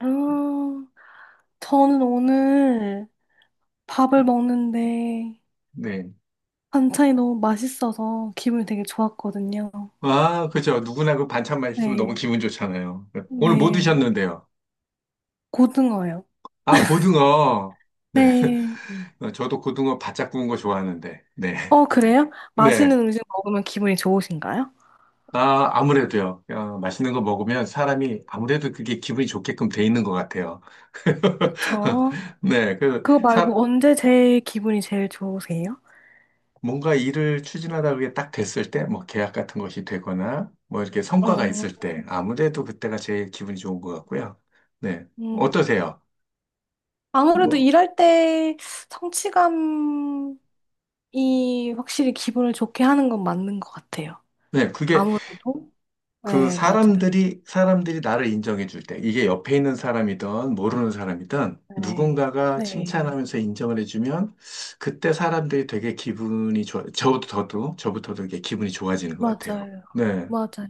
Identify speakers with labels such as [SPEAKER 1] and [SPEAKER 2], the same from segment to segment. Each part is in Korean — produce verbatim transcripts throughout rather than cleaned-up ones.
[SPEAKER 1] 아, 저는 오늘 밥을 먹는데
[SPEAKER 2] 네.
[SPEAKER 1] 반찬이 너무 맛있어서 기분이 되게 좋았거든요.
[SPEAKER 2] 아, 그죠. 누구나 그 반찬 맛있으면 너무
[SPEAKER 1] 네.
[SPEAKER 2] 기분 좋잖아요. 네. 오늘 뭐
[SPEAKER 1] 네.
[SPEAKER 2] 드셨는데요?
[SPEAKER 1] 고등어요.
[SPEAKER 2] 아, 고등어. 네.
[SPEAKER 1] 네.
[SPEAKER 2] 저도 고등어 바짝 구운 거 좋아하는데. 네.
[SPEAKER 1] 어, 그래요?
[SPEAKER 2] 네.
[SPEAKER 1] 맛있는 음식 먹으면 기분이 좋으신가요?
[SPEAKER 2] 아, 아무래도요. 어, 맛있는 거 먹으면 사람이 아무래도 그게 기분이 좋게끔 돼 있는 것 같아요.
[SPEAKER 1] 그쵸.
[SPEAKER 2] 네. 그,
[SPEAKER 1] 그거
[SPEAKER 2] 사,
[SPEAKER 1] 말고 언제 제일 기분이 제일 좋으세요?
[SPEAKER 2] 뭔가 일을 추진하다 그게 딱 됐을 때, 뭐 계약 같은 것이 되거나, 뭐 이렇게 성과가
[SPEAKER 1] 어,
[SPEAKER 2] 있을 때, 아무래도 그때가 제일 기분이 좋은 것 같고요. 네.
[SPEAKER 1] 음.
[SPEAKER 2] 어떠세요?
[SPEAKER 1] 아무래도
[SPEAKER 2] 뭐
[SPEAKER 1] 일할 때 성취감이 확실히 기분을 좋게 하는 건 맞는 것 같아요.
[SPEAKER 2] 네, 그게
[SPEAKER 1] 아무래도.
[SPEAKER 2] 그
[SPEAKER 1] 네, 맞아요.
[SPEAKER 2] 사람들이, 사람들이 나를 인정해 줄 때, 이게 옆에 있는 사람이든 모르는 사람이든
[SPEAKER 1] 네,
[SPEAKER 2] 누군가가
[SPEAKER 1] 네,
[SPEAKER 2] 칭찬하면서 인정을 해주면 그때 사람들이 되게 기분이 좋아, 저터 저도, 저부터도 이게 기분이 좋아지는 것 같아요.
[SPEAKER 1] 맞아요.
[SPEAKER 2] 네,
[SPEAKER 1] 맞아요.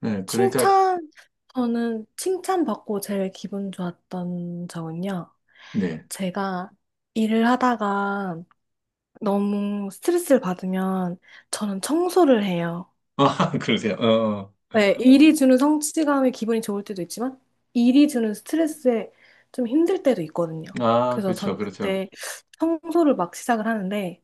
[SPEAKER 2] 네, 그러니까,
[SPEAKER 1] 칭찬, 저는 칭찬받고 제일 기분 좋았던 적은요.
[SPEAKER 2] 네.
[SPEAKER 1] 제가 일을 하다가 너무 스트레스를 받으면 저는 청소를 해요.
[SPEAKER 2] 아, 그러세요. 어,
[SPEAKER 1] 네, 일이 주는 성취감에 기분이 좋을 때도 있지만 일이 주는 스트레스에 좀 힘들 때도 있거든요.
[SPEAKER 2] 어. 아,
[SPEAKER 1] 그래서 저는
[SPEAKER 2] 그렇죠, 그렇죠.
[SPEAKER 1] 그때 청소를 막 시작을 하는데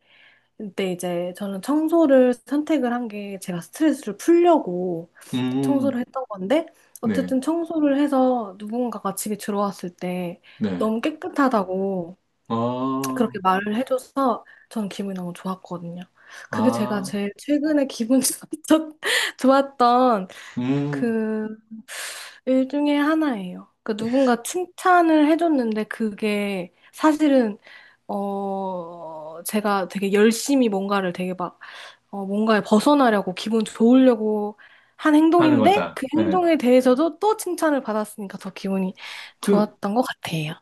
[SPEAKER 1] 근데 이제 저는 청소를 선택을 한 게 제가 스트레스를 풀려고
[SPEAKER 2] 음,
[SPEAKER 1] 청소를 했던 건데
[SPEAKER 2] 네,
[SPEAKER 1] 어쨌든 청소를 해서 누군가가 집에 들어왔을 때
[SPEAKER 2] 네.
[SPEAKER 1] 너무 깨끗하다고
[SPEAKER 2] 어,
[SPEAKER 1] 그렇게 말을 해줘서 전 기분이 너무 좋았거든요. 그게 제가
[SPEAKER 2] 아,
[SPEAKER 1] 제일 최근에 기분 좋았- 좋았던
[SPEAKER 2] 음,
[SPEAKER 1] 그 일 중에 하나예요. 그 누군가 칭찬을 해줬는데 그게 사실은 어 제가 되게 열심히 뭔가를 되게 막 어, 뭔가에 벗어나려고 기분 좋으려고 한
[SPEAKER 2] 하는
[SPEAKER 1] 행동인데
[SPEAKER 2] 거다.
[SPEAKER 1] 그
[SPEAKER 2] 네.
[SPEAKER 1] 행동에 대해서도 또 칭찬을 받았으니까 더 기분이
[SPEAKER 2] 그
[SPEAKER 1] 좋았던 것 같아요.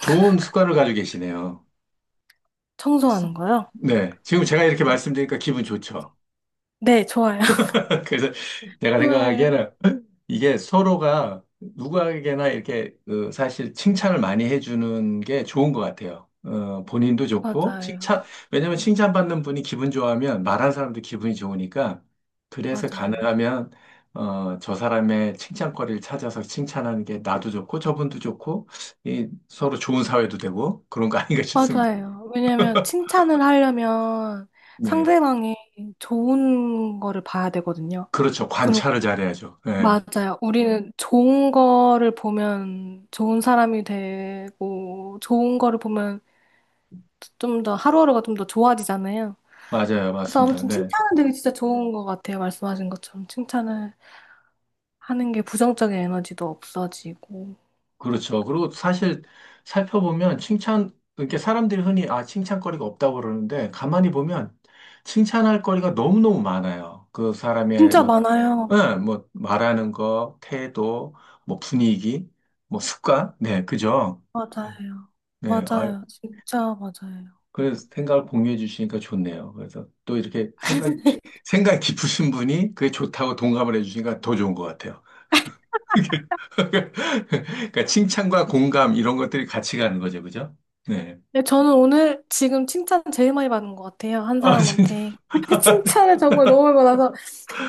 [SPEAKER 2] 좋은 습관을 가지고 계시네요.
[SPEAKER 1] 청소하는 거요?
[SPEAKER 2] 네. 지금 제가 이렇게
[SPEAKER 1] 네,
[SPEAKER 2] 말씀드리니까 기분 좋죠.
[SPEAKER 1] 네, 좋아요.
[SPEAKER 2] 그래서 내가
[SPEAKER 1] 좋아요.
[SPEAKER 2] 생각하기에는 이게 서로가 누구에게나 이렇게 어, 사실 칭찬을 많이 해주는 게 좋은 것 같아요. 어, 본인도 좋고,
[SPEAKER 1] 맞아요.
[SPEAKER 2] 칭찬, 왜냐면 칭찬받는 분이 기분 좋아하면 말하는 사람도 기분이 좋으니까, 그래서
[SPEAKER 1] 맞아요.
[SPEAKER 2] 가능하면, 어, 저 사람의 칭찬거리를 찾아서 칭찬하는 게 나도 좋고, 저분도 좋고, 이 서로 좋은 사회도 되고, 그런 거 아닌가 싶습니다.
[SPEAKER 1] 맞아요. 왜냐면 칭찬을 하려면 상
[SPEAKER 2] 네.
[SPEAKER 1] 대방이 좋은 거를 봐야 되거든요.
[SPEAKER 2] 그렇죠.
[SPEAKER 1] 그리고
[SPEAKER 2] 관찰을 잘해야죠. 네.
[SPEAKER 1] 맞아요. 우리는 좋은 거를 보면 좋은 사람이 되고 좋은 거를 보면 좀 더 하루하루가 좀 더 좋아지잖아요.
[SPEAKER 2] 맞아요.
[SPEAKER 1] 그래서
[SPEAKER 2] 맞습니다.
[SPEAKER 1] 아무튼
[SPEAKER 2] 네.
[SPEAKER 1] 칭찬은 되게 진짜 좋은 것 같아요. 말씀하신 것처럼 칭찬을 하는 게 부정적인 에너지도 없어지고
[SPEAKER 2] 그렇죠. 그리고 사실 살펴보면 칭찬, 이렇게 사람들이 흔히 아, 칭찬거리가 없다고 그러는데 가만히 보면 칭찬할 거리가 너무너무 많아요. 그 사람의
[SPEAKER 1] 진짜
[SPEAKER 2] 뭐,
[SPEAKER 1] 많아요.
[SPEAKER 2] 예, 뭐 말하는 거, 태도, 뭐 분위기, 뭐 습관. 네, 그죠?
[SPEAKER 1] 맞아요.
[SPEAKER 2] 네. 아,
[SPEAKER 1] 맞아요. 진짜 맞아요.
[SPEAKER 2] 그래서 생각을 공유해 주시니까 좋네요. 그래서 또 이렇게 생각, 생각 깊으신 분이 그게 좋다고 동감을 해 주시니까 더 좋은 것 같아요. 그러니까 칭찬과 공감 이런 것들이 같이 가는 거죠, 그죠? 네.
[SPEAKER 1] 네, 저는 오늘 지금 칭찬 제일 많이 받은 것 같아요. 한
[SPEAKER 2] 아, 진짜.
[SPEAKER 1] 사람한테 칭찬을 정말 너무 많이 받아서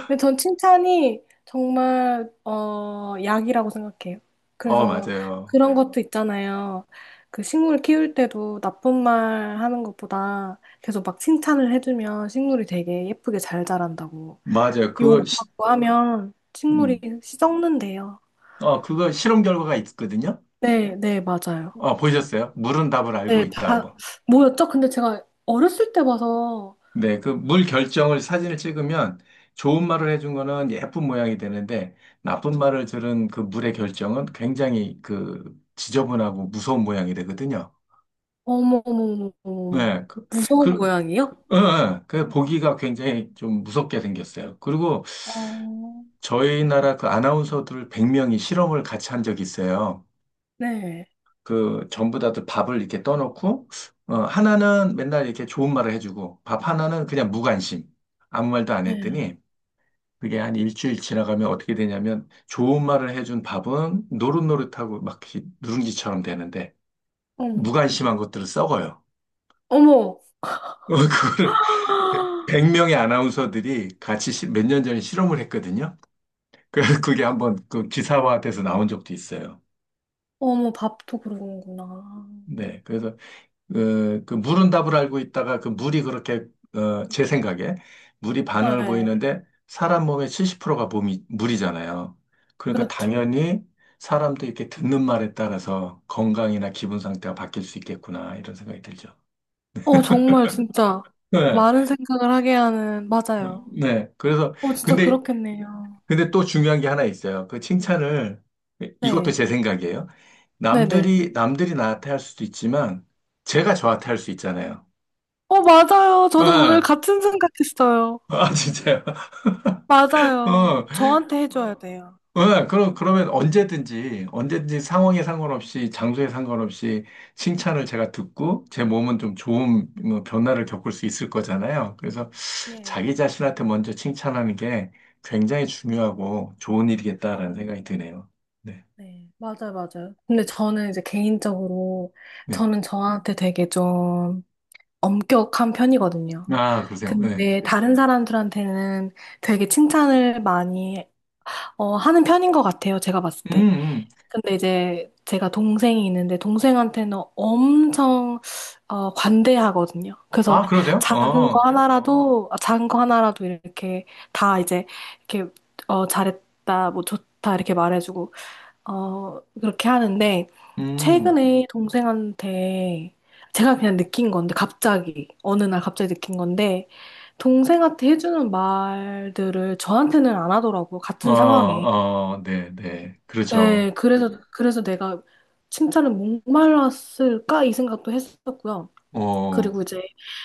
[SPEAKER 1] 근데 전 칭찬이 정말 어 약이라고 생각해요.
[SPEAKER 2] 어,
[SPEAKER 1] 그래서
[SPEAKER 2] 맞아요.
[SPEAKER 1] 그런 것도 있잖아요. 그 식물 키울 때도 나쁜 말 하는 것보다 계속 막 칭찬을 해주면 식물이 되게 예쁘게 잘 자란다고.
[SPEAKER 2] 맞아요. 그거, 시,
[SPEAKER 1] 욕하고 하면 식물이
[SPEAKER 2] 음.
[SPEAKER 1] 썩는데요.
[SPEAKER 2] 어, 그거 실험 결과가 있거든요.
[SPEAKER 1] 네, 네, 맞아요.
[SPEAKER 2] 어, 보셨어요? 물은 답을 알고
[SPEAKER 1] 네,
[SPEAKER 2] 있다,
[SPEAKER 1] 바,
[SPEAKER 2] 뭐.
[SPEAKER 1] 뭐였죠? 근데 제가 어렸을 때 봐서
[SPEAKER 2] 네, 그 물 결정을 사진을 찍으면 좋은 말을 해준 거는 예쁜 모양이 되는데 나쁜 말을 들은 그 물의 결정은 굉장히 그 지저분하고 무서운 모양이 되거든요.
[SPEAKER 1] 어머, 어머, 어머, 어머,
[SPEAKER 2] 네, 그,
[SPEAKER 1] 무서운
[SPEAKER 2] 그
[SPEAKER 1] 모양이요?
[SPEAKER 2] 예, 예. 그 보기가 굉장히 좀 무섭게 생겼어요. 그리고
[SPEAKER 1] 어,
[SPEAKER 2] 저희 나라 그 아나운서들 백 명이 실험을 같이 한 적이 있어요.
[SPEAKER 1] 네,
[SPEAKER 2] 그 전부 다들 밥을 이렇게 떠놓고 어, 하나는 맨날 이렇게 좋은 말을 해주고 밥 하나는 그냥 무관심 아무 말도 안
[SPEAKER 1] 네.
[SPEAKER 2] 했더니 그게 한 일주일 지나가면 어떻게 되냐면 좋은 말을 해준 밥은 노릇노릇하고 막 이렇게 누룽지처럼 되는데
[SPEAKER 1] 어머,
[SPEAKER 2] 무관심한 것들을 썩어요.
[SPEAKER 1] 어머.
[SPEAKER 2] 그거를 백 명의 아나운서들이 같이 몇 년 전에 실험을 했거든요. 그, 그게 한번 그 기사화돼서 나온 적도 있어요.
[SPEAKER 1] 어머, 밥도 그러는구나.
[SPEAKER 2] 네. 그래서, 그, 그 물은 답을 알고 있다가 그 물이 그렇게, 어, 제 생각에 물이 반응을
[SPEAKER 1] 네,
[SPEAKER 2] 보이는데 사람 몸의 칠십 퍼센트가 몸이, 물이잖아요. 그러니까
[SPEAKER 1] 그렇죠.
[SPEAKER 2] 당연히 사람도 이렇게 듣는 말에 따라서 건강이나 기분 상태가 바뀔 수 있겠구나, 이런 생각이 들죠.
[SPEAKER 1] 어, 정말 진짜
[SPEAKER 2] 네.
[SPEAKER 1] 많은 생각을 하게 하는,
[SPEAKER 2] 어,
[SPEAKER 1] 맞아요.
[SPEAKER 2] 네. 그래서,
[SPEAKER 1] 어, 진짜
[SPEAKER 2] 근데
[SPEAKER 1] 그렇겠네요.
[SPEAKER 2] 근데 또 중요한 게 하나 있어요. 그 칭찬을, 이것도
[SPEAKER 1] 네,
[SPEAKER 2] 제 생각이에요.
[SPEAKER 1] 네네.
[SPEAKER 2] 남들이, 남들이 나한테 할 수도 있지만, 제가 저한테 할 수 있잖아요.
[SPEAKER 1] 어, 맞아요. 저도 오늘
[SPEAKER 2] 아,
[SPEAKER 1] 같은 생각했어요.
[SPEAKER 2] 아, 진짜요?
[SPEAKER 1] 맞아요.
[SPEAKER 2] 어,
[SPEAKER 1] 저한테 해줘야 돼요.
[SPEAKER 2] 어, 그럼, 그러면 언제든지, 언제든지 상황에 상관없이, 장소에 상관없이 칭찬을 제가 듣고, 제 몸은 좀 좋은 뭐 변화를 겪을 수 있을 거잖아요. 그래서
[SPEAKER 1] 네,
[SPEAKER 2] 자기 자신한테 먼저 칭찬하는 게 굉장히 중요하고 좋은
[SPEAKER 1] 네,
[SPEAKER 2] 일이겠다라는 생각이 드네요. 네.
[SPEAKER 1] 네. 맞아요, 맞아요. 근데 저는 이제 개인적으로,
[SPEAKER 2] 네.
[SPEAKER 1] 저는 저한테 되게 좀 엄격한 편이거든요.
[SPEAKER 2] 아, 그러세요. 네.
[SPEAKER 1] 근데 다른 사람들한테는 되게 칭찬을 많이 어, 하는 편인 것 같아요, 제가 봤을
[SPEAKER 2] 음,
[SPEAKER 1] 때.
[SPEAKER 2] 음.
[SPEAKER 1] 근데 이제 제가 동생이 있는데 동생한테는 엄청 어, 관대하거든요. 그래서
[SPEAKER 2] 아, 그러세요?
[SPEAKER 1] 작은 거
[SPEAKER 2] 어,
[SPEAKER 1] 하나라도 아, 작은 거 하나라도 이렇게 다 이제 이렇게 어, 잘했다, 뭐 좋다 이렇게 말해주고 어, 그렇게 하는데
[SPEAKER 2] 음,
[SPEAKER 1] 최근에 동생한테 제가 그냥 느낀 건데 갑자기 어느 날 갑자기 느낀 건데 동생한테 해주는 말들을 저한테는 안 하더라고요.
[SPEAKER 2] 어,
[SPEAKER 1] 같은 상황에.
[SPEAKER 2] 어, 네, 네,
[SPEAKER 1] 예,
[SPEAKER 2] 그렇죠.
[SPEAKER 1] 음. 그래서, 그래서 내가 칭찬을 목말랐을까? 이 생각도 했었고요.
[SPEAKER 2] 어,
[SPEAKER 1] 그리고 이제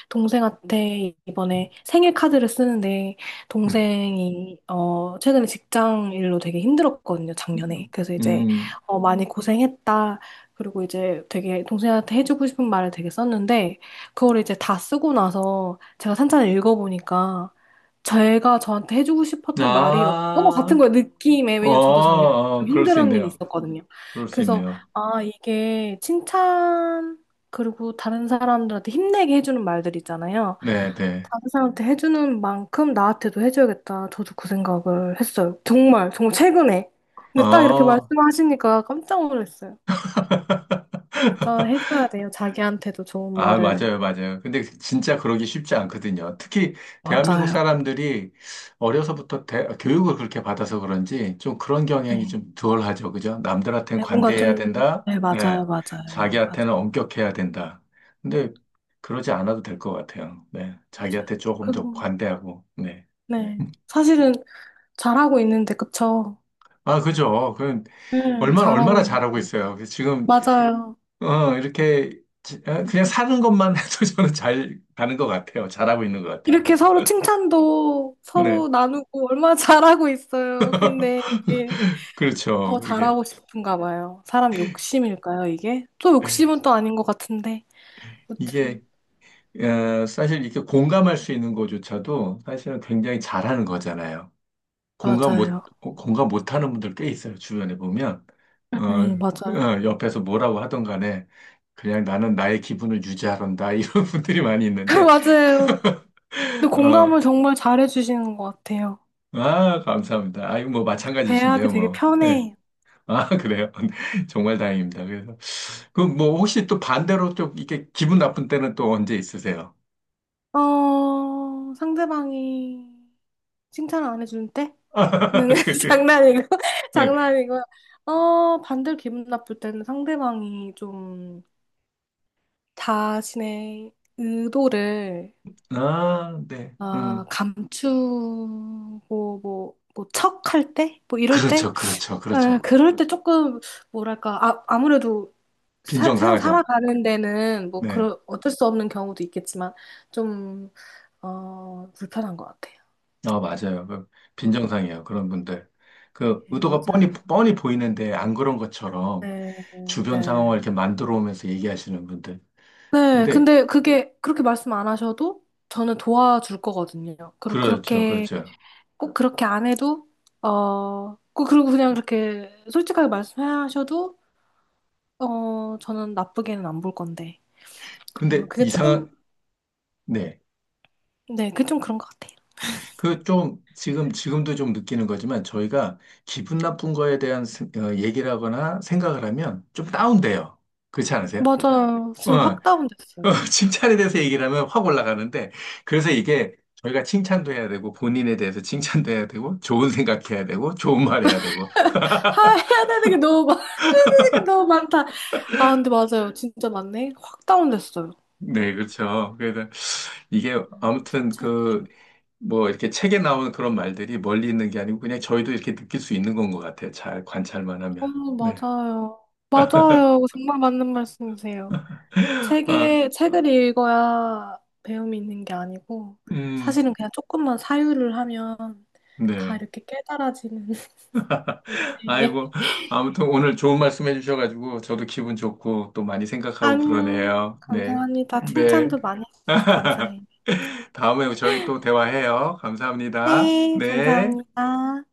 [SPEAKER 1] 동생한테 이번에 생일 카드를 쓰는데
[SPEAKER 2] 네.
[SPEAKER 1] 동생이 어 최근에 직장 일로 되게 힘들었거든요, 작년에. 그래서 이제
[SPEAKER 2] 음,
[SPEAKER 1] 어 많이 고생했다. 그리고 이제 되게 동생한테 해주고 싶은 말을 되게 썼는데 그걸 이제 다 쓰고 나서 제가 산천을 읽어보니까 제가 저한테 해주고 싶었던 말이었던
[SPEAKER 2] 아,
[SPEAKER 1] 것 같은 거예요, 느낌에.
[SPEAKER 2] 어,
[SPEAKER 1] 왜냐면 저도 작년에
[SPEAKER 2] 어,
[SPEAKER 1] 좀
[SPEAKER 2] 그럴 수
[SPEAKER 1] 힘들었던 일이
[SPEAKER 2] 있네요.
[SPEAKER 1] 있었거든요.
[SPEAKER 2] 그럴 수
[SPEAKER 1] 그래서
[SPEAKER 2] 있네요.
[SPEAKER 1] 아, 이게 칭찬 그리고 다른 사람들한테 힘내게 해주는 말들 있잖아요.
[SPEAKER 2] 네, 네.
[SPEAKER 1] 다른 사람한테 해주는 만큼 나한테도 해줘야겠다. 저도 그 생각을 했어요. 정말, 정말 최근에. 근데 딱 이렇게
[SPEAKER 2] 어,
[SPEAKER 1] 말씀하시니까 깜짝 놀랐어요. 진짜 해줘야 돼요. 자기한테도 좋은
[SPEAKER 2] 아,
[SPEAKER 1] 말을.
[SPEAKER 2] 맞아요, 맞아요. 근데 그 진짜 그러기 쉽지 않거든요. 특히 대한민국
[SPEAKER 1] 맞아요.
[SPEAKER 2] 사람들이 어려서부터 대- 교육을 그렇게 받아서 그런지 좀 그런 경향이
[SPEAKER 1] 네.
[SPEAKER 2] 좀 덜하죠. 그죠? 남들한테는
[SPEAKER 1] 네, 뭔가
[SPEAKER 2] 관대해야
[SPEAKER 1] 좀,
[SPEAKER 2] 된다.
[SPEAKER 1] 네,
[SPEAKER 2] 네.
[SPEAKER 1] 맞아요, 맞아요,
[SPEAKER 2] 자기한테는
[SPEAKER 1] 맞아.
[SPEAKER 2] 엄격해야 된다. 근데 그러지 않아도 될 것 같아요. 네.
[SPEAKER 1] 맞아요.
[SPEAKER 2] 자기한테 조금 더
[SPEAKER 1] 그리고,
[SPEAKER 2] 관대하고, 네.
[SPEAKER 1] 네. 사실은 잘하고 있는데, 그쵸?
[SPEAKER 2] 아, 그죠. 그
[SPEAKER 1] 네,
[SPEAKER 2] 얼마나
[SPEAKER 1] 잘하고
[SPEAKER 2] 얼마나
[SPEAKER 1] 있는.
[SPEAKER 2] 잘하고 있어요. 그 지금
[SPEAKER 1] 맞아요.
[SPEAKER 2] 어, 이렇게 지- 어, 그냥 사는 것만 해도 저는 잘 가는 것 같아요. 잘하고 있는 것 같아요.
[SPEAKER 1] 이렇게 서로 칭찬도
[SPEAKER 2] 네.
[SPEAKER 1] 서로 나누고 얼마나 잘하고 있어요. 근데 이게
[SPEAKER 2] 그렇죠.
[SPEAKER 1] 더
[SPEAKER 2] 그렇게
[SPEAKER 1] 잘하고 싶은가 봐요. 사람 욕심일까요, 이게? 또 욕심은 또 아닌 것 같은데. 아무튼,
[SPEAKER 2] 이게 어, 사실 이렇게 공감할 수 있는 거조차도 사실은 굉장히 잘하는 거잖아요. 공감
[SPEAKER 1] 맞아요.
[SPEAKER 2] 못 어, 공감 못하는 분들 꽤 있어요. 주변에 보면 어,
[SPEAKER 1] 네, 맞아요.
[SPEAKER 2] 어, 옆에서 뭐라고 하던 간에 그냥 나는 나의 기분을 유지하란다 이런 분들이 많이 있는데
[SPEAKER 1] 맞아요. 근데
[SPEAKER 2] 어,
[SPEAKER 1] 공감을 정말 잘해주시는 것 같아요.
[SPEAKER 2] 아 감사합니다. 아 이거 뭐
[SPEAKER 1] 대하기
[SPEAKER 2] 마찬가지신데요,
[SPEAKER 1] 되게
[SPEAKER 2] 뭐. 네.
[SPEAKER 1] 편해요.
[SPEAKER 2] 아 그래요. 정말 다행입니다. 그래서 그 뭐 혹시 또 반대로 좀 이렇게 기분 나쁜 때는 또 언제 있으세요?
[SPEAKER 1] 어, 상대방이 칭찬을 안 해줄 때는
[SPEAKER 2] 아, 그, 그,
[SPEAKER 1] 장난이고,
[SPEAKER 2] 네.
[SPEAKER 1] 장난이고, 어, 반대로 기분 나쁠 때는 상대방이 좀 자신의 의도를
[SPEAKER 2] 아, 네.
[SPEAKER 1] 아,
[SPEAKER 2] 음.
[SPEAKER 1] 감추고 뭐, 뭐 척할 때? 뭐 이럴 때?
[SPEAKER 2] 그렇죠, 그렇죠,
[SPEAKER 1] 아,
[SPEAKER 2] 그렇죠.
[SPEAKER 1] 그럴 때 조금 뭐랄까 아, 아무래도 사- 세상
[SPEAKER 2] 빈정상하죠.
[SPEAKER 1] 살아가는 데는 뭐
[SPEAKER 2] 네.
[SPEAKER 1] 그런 어쩔 수 없는 경우도 있겠지만 좀 어, 불편한 것 같아요.
[SPEAKER 2] 아, 맞아요. 그
[SPEAKER 1] 아,
[SPEAKER 2] 빈정상이에요. 그런 분들. 그,
[SPEAKER 1] 네,
[SPEAKER 2] 의도가 뻔히,
[SPEAKER 1] 맞아요.
[SPEAKER 2] 뻔히 보이는데 안 그런 것처럼
[SPEAKER 1] 네,
[SPEAKER 2] 주변 상황을
[SPEAKER 1] 네.
[SPEAKER 2] 이렇게 만들어 오면서 얘기하시는 분들.
[SPEAKER 1] 네,
[SPEAKER 2] 근데,
[SPEAKER 1] 근데 그게 그렇게 말씀 안 하셔도 저는 도와줄 거거든요. 그리고
[SPEAKER 2] 그렇죠,
[SPEAKER 1] 그렇게
[SPEAKER 2] 그렇죠.
[SPEAKER 1] 꼭 그렇게 안 해도 어, 꼭 그리고 그냥 그렇게 솔직하게 말씀하셔도 어, 저는 나쁘게는 안 볼 건데. 어,
[SPEAKER 2] 근데
[SPEAKER 1] 그게 좀
[SPEAKER 2] 이상한, 네.
[SPEAKER 1] 네, 그게 좀 그런 것 같아요.
[SPEAKER 2] 그 좀, 지금, 지금도 좀 느끼는 거지만 저희가 기분 나쁜 거에 대한 스- 어, 얘기를 하거나 생각을 하면 좀 다운돼요. 그렇지 않으세요?
[SPEAKER 1] 맞아요.
[SPEAKER 2] 어,
[SPEAKER 1] 지금
[SPEAKER 2] 어,
[SPEAKER 1] 확 다운됐어요.
[SPEAKER 2] 칭찬에 대해서 얘기를 하면 확 올라가는데, 그래서 이게 저희가 칭찬도 해야 되고, 본인에 대해서 칭찬도 해야 되고, 좋은 생각해야 되고, 좋은 말 해야 되고.
[SPEAKER 1] 하, 해야 되는 게 너무 많, 해야 되는 게 너무 많다. 아, 근데 맞아요. 진짜 맞네 확 다운됐어요.
[SPEAKER 2] 네, 그렇죠. 그래서 이게
[SPEAKER 1] 음.
[SPEAKER 2] 아무튼
[SPEAKER 1] 참.
[SPEAKER 2] 그, 뭐 이렇게 책에 나오는 그런 말들이 멀리 있는 게 아니고, 그냥 저희도 이렇게 느낄 수 있는 건 것 같아요. 잘 관찰만 하면.
[SPEAKER 1] 어머,
[SPEAKER 2] 네.
[SPEAKER 1] 맞아요. 맞아요. 정말 맞는 말씀이세요.
[SPEAKER 2] 아,
[SPEAKER 1] 책에, 책을 읽어야 배움이 있는 게 아니고,
[SPEAKER 2] 음,
[SPEAKER 1] 사실은 그냥 조금만 사유를 하면 다
[SPEAKER 2] 네.
[SPEAKER 1] 이렇게 깨달아지는
[SPEAKER 2] 아이고,
[SPEAKER 1] 인생에.
[SPEAKER 2] 아무튼 오늘 좋은 말씀 해주셔가지고, 저도 기분 좋고, 또 많이 생각하고
[SPEAKER 1] 아니요.
[SPEAKER 2] 그러네요. 네.
[SPEAKER 1] 감사합니다.
[SPEAKER 2] 네.
[SPEAKER 1] 칭찬도 많이 해주셔서 감사해요.
[SPEAKER 2] 다음에 저희 또 대화해요. 감사합니다.
[SPEAKER 1] 네,
[SPEAKER 2] 네.
[SPEAKER 1] 감사합니다.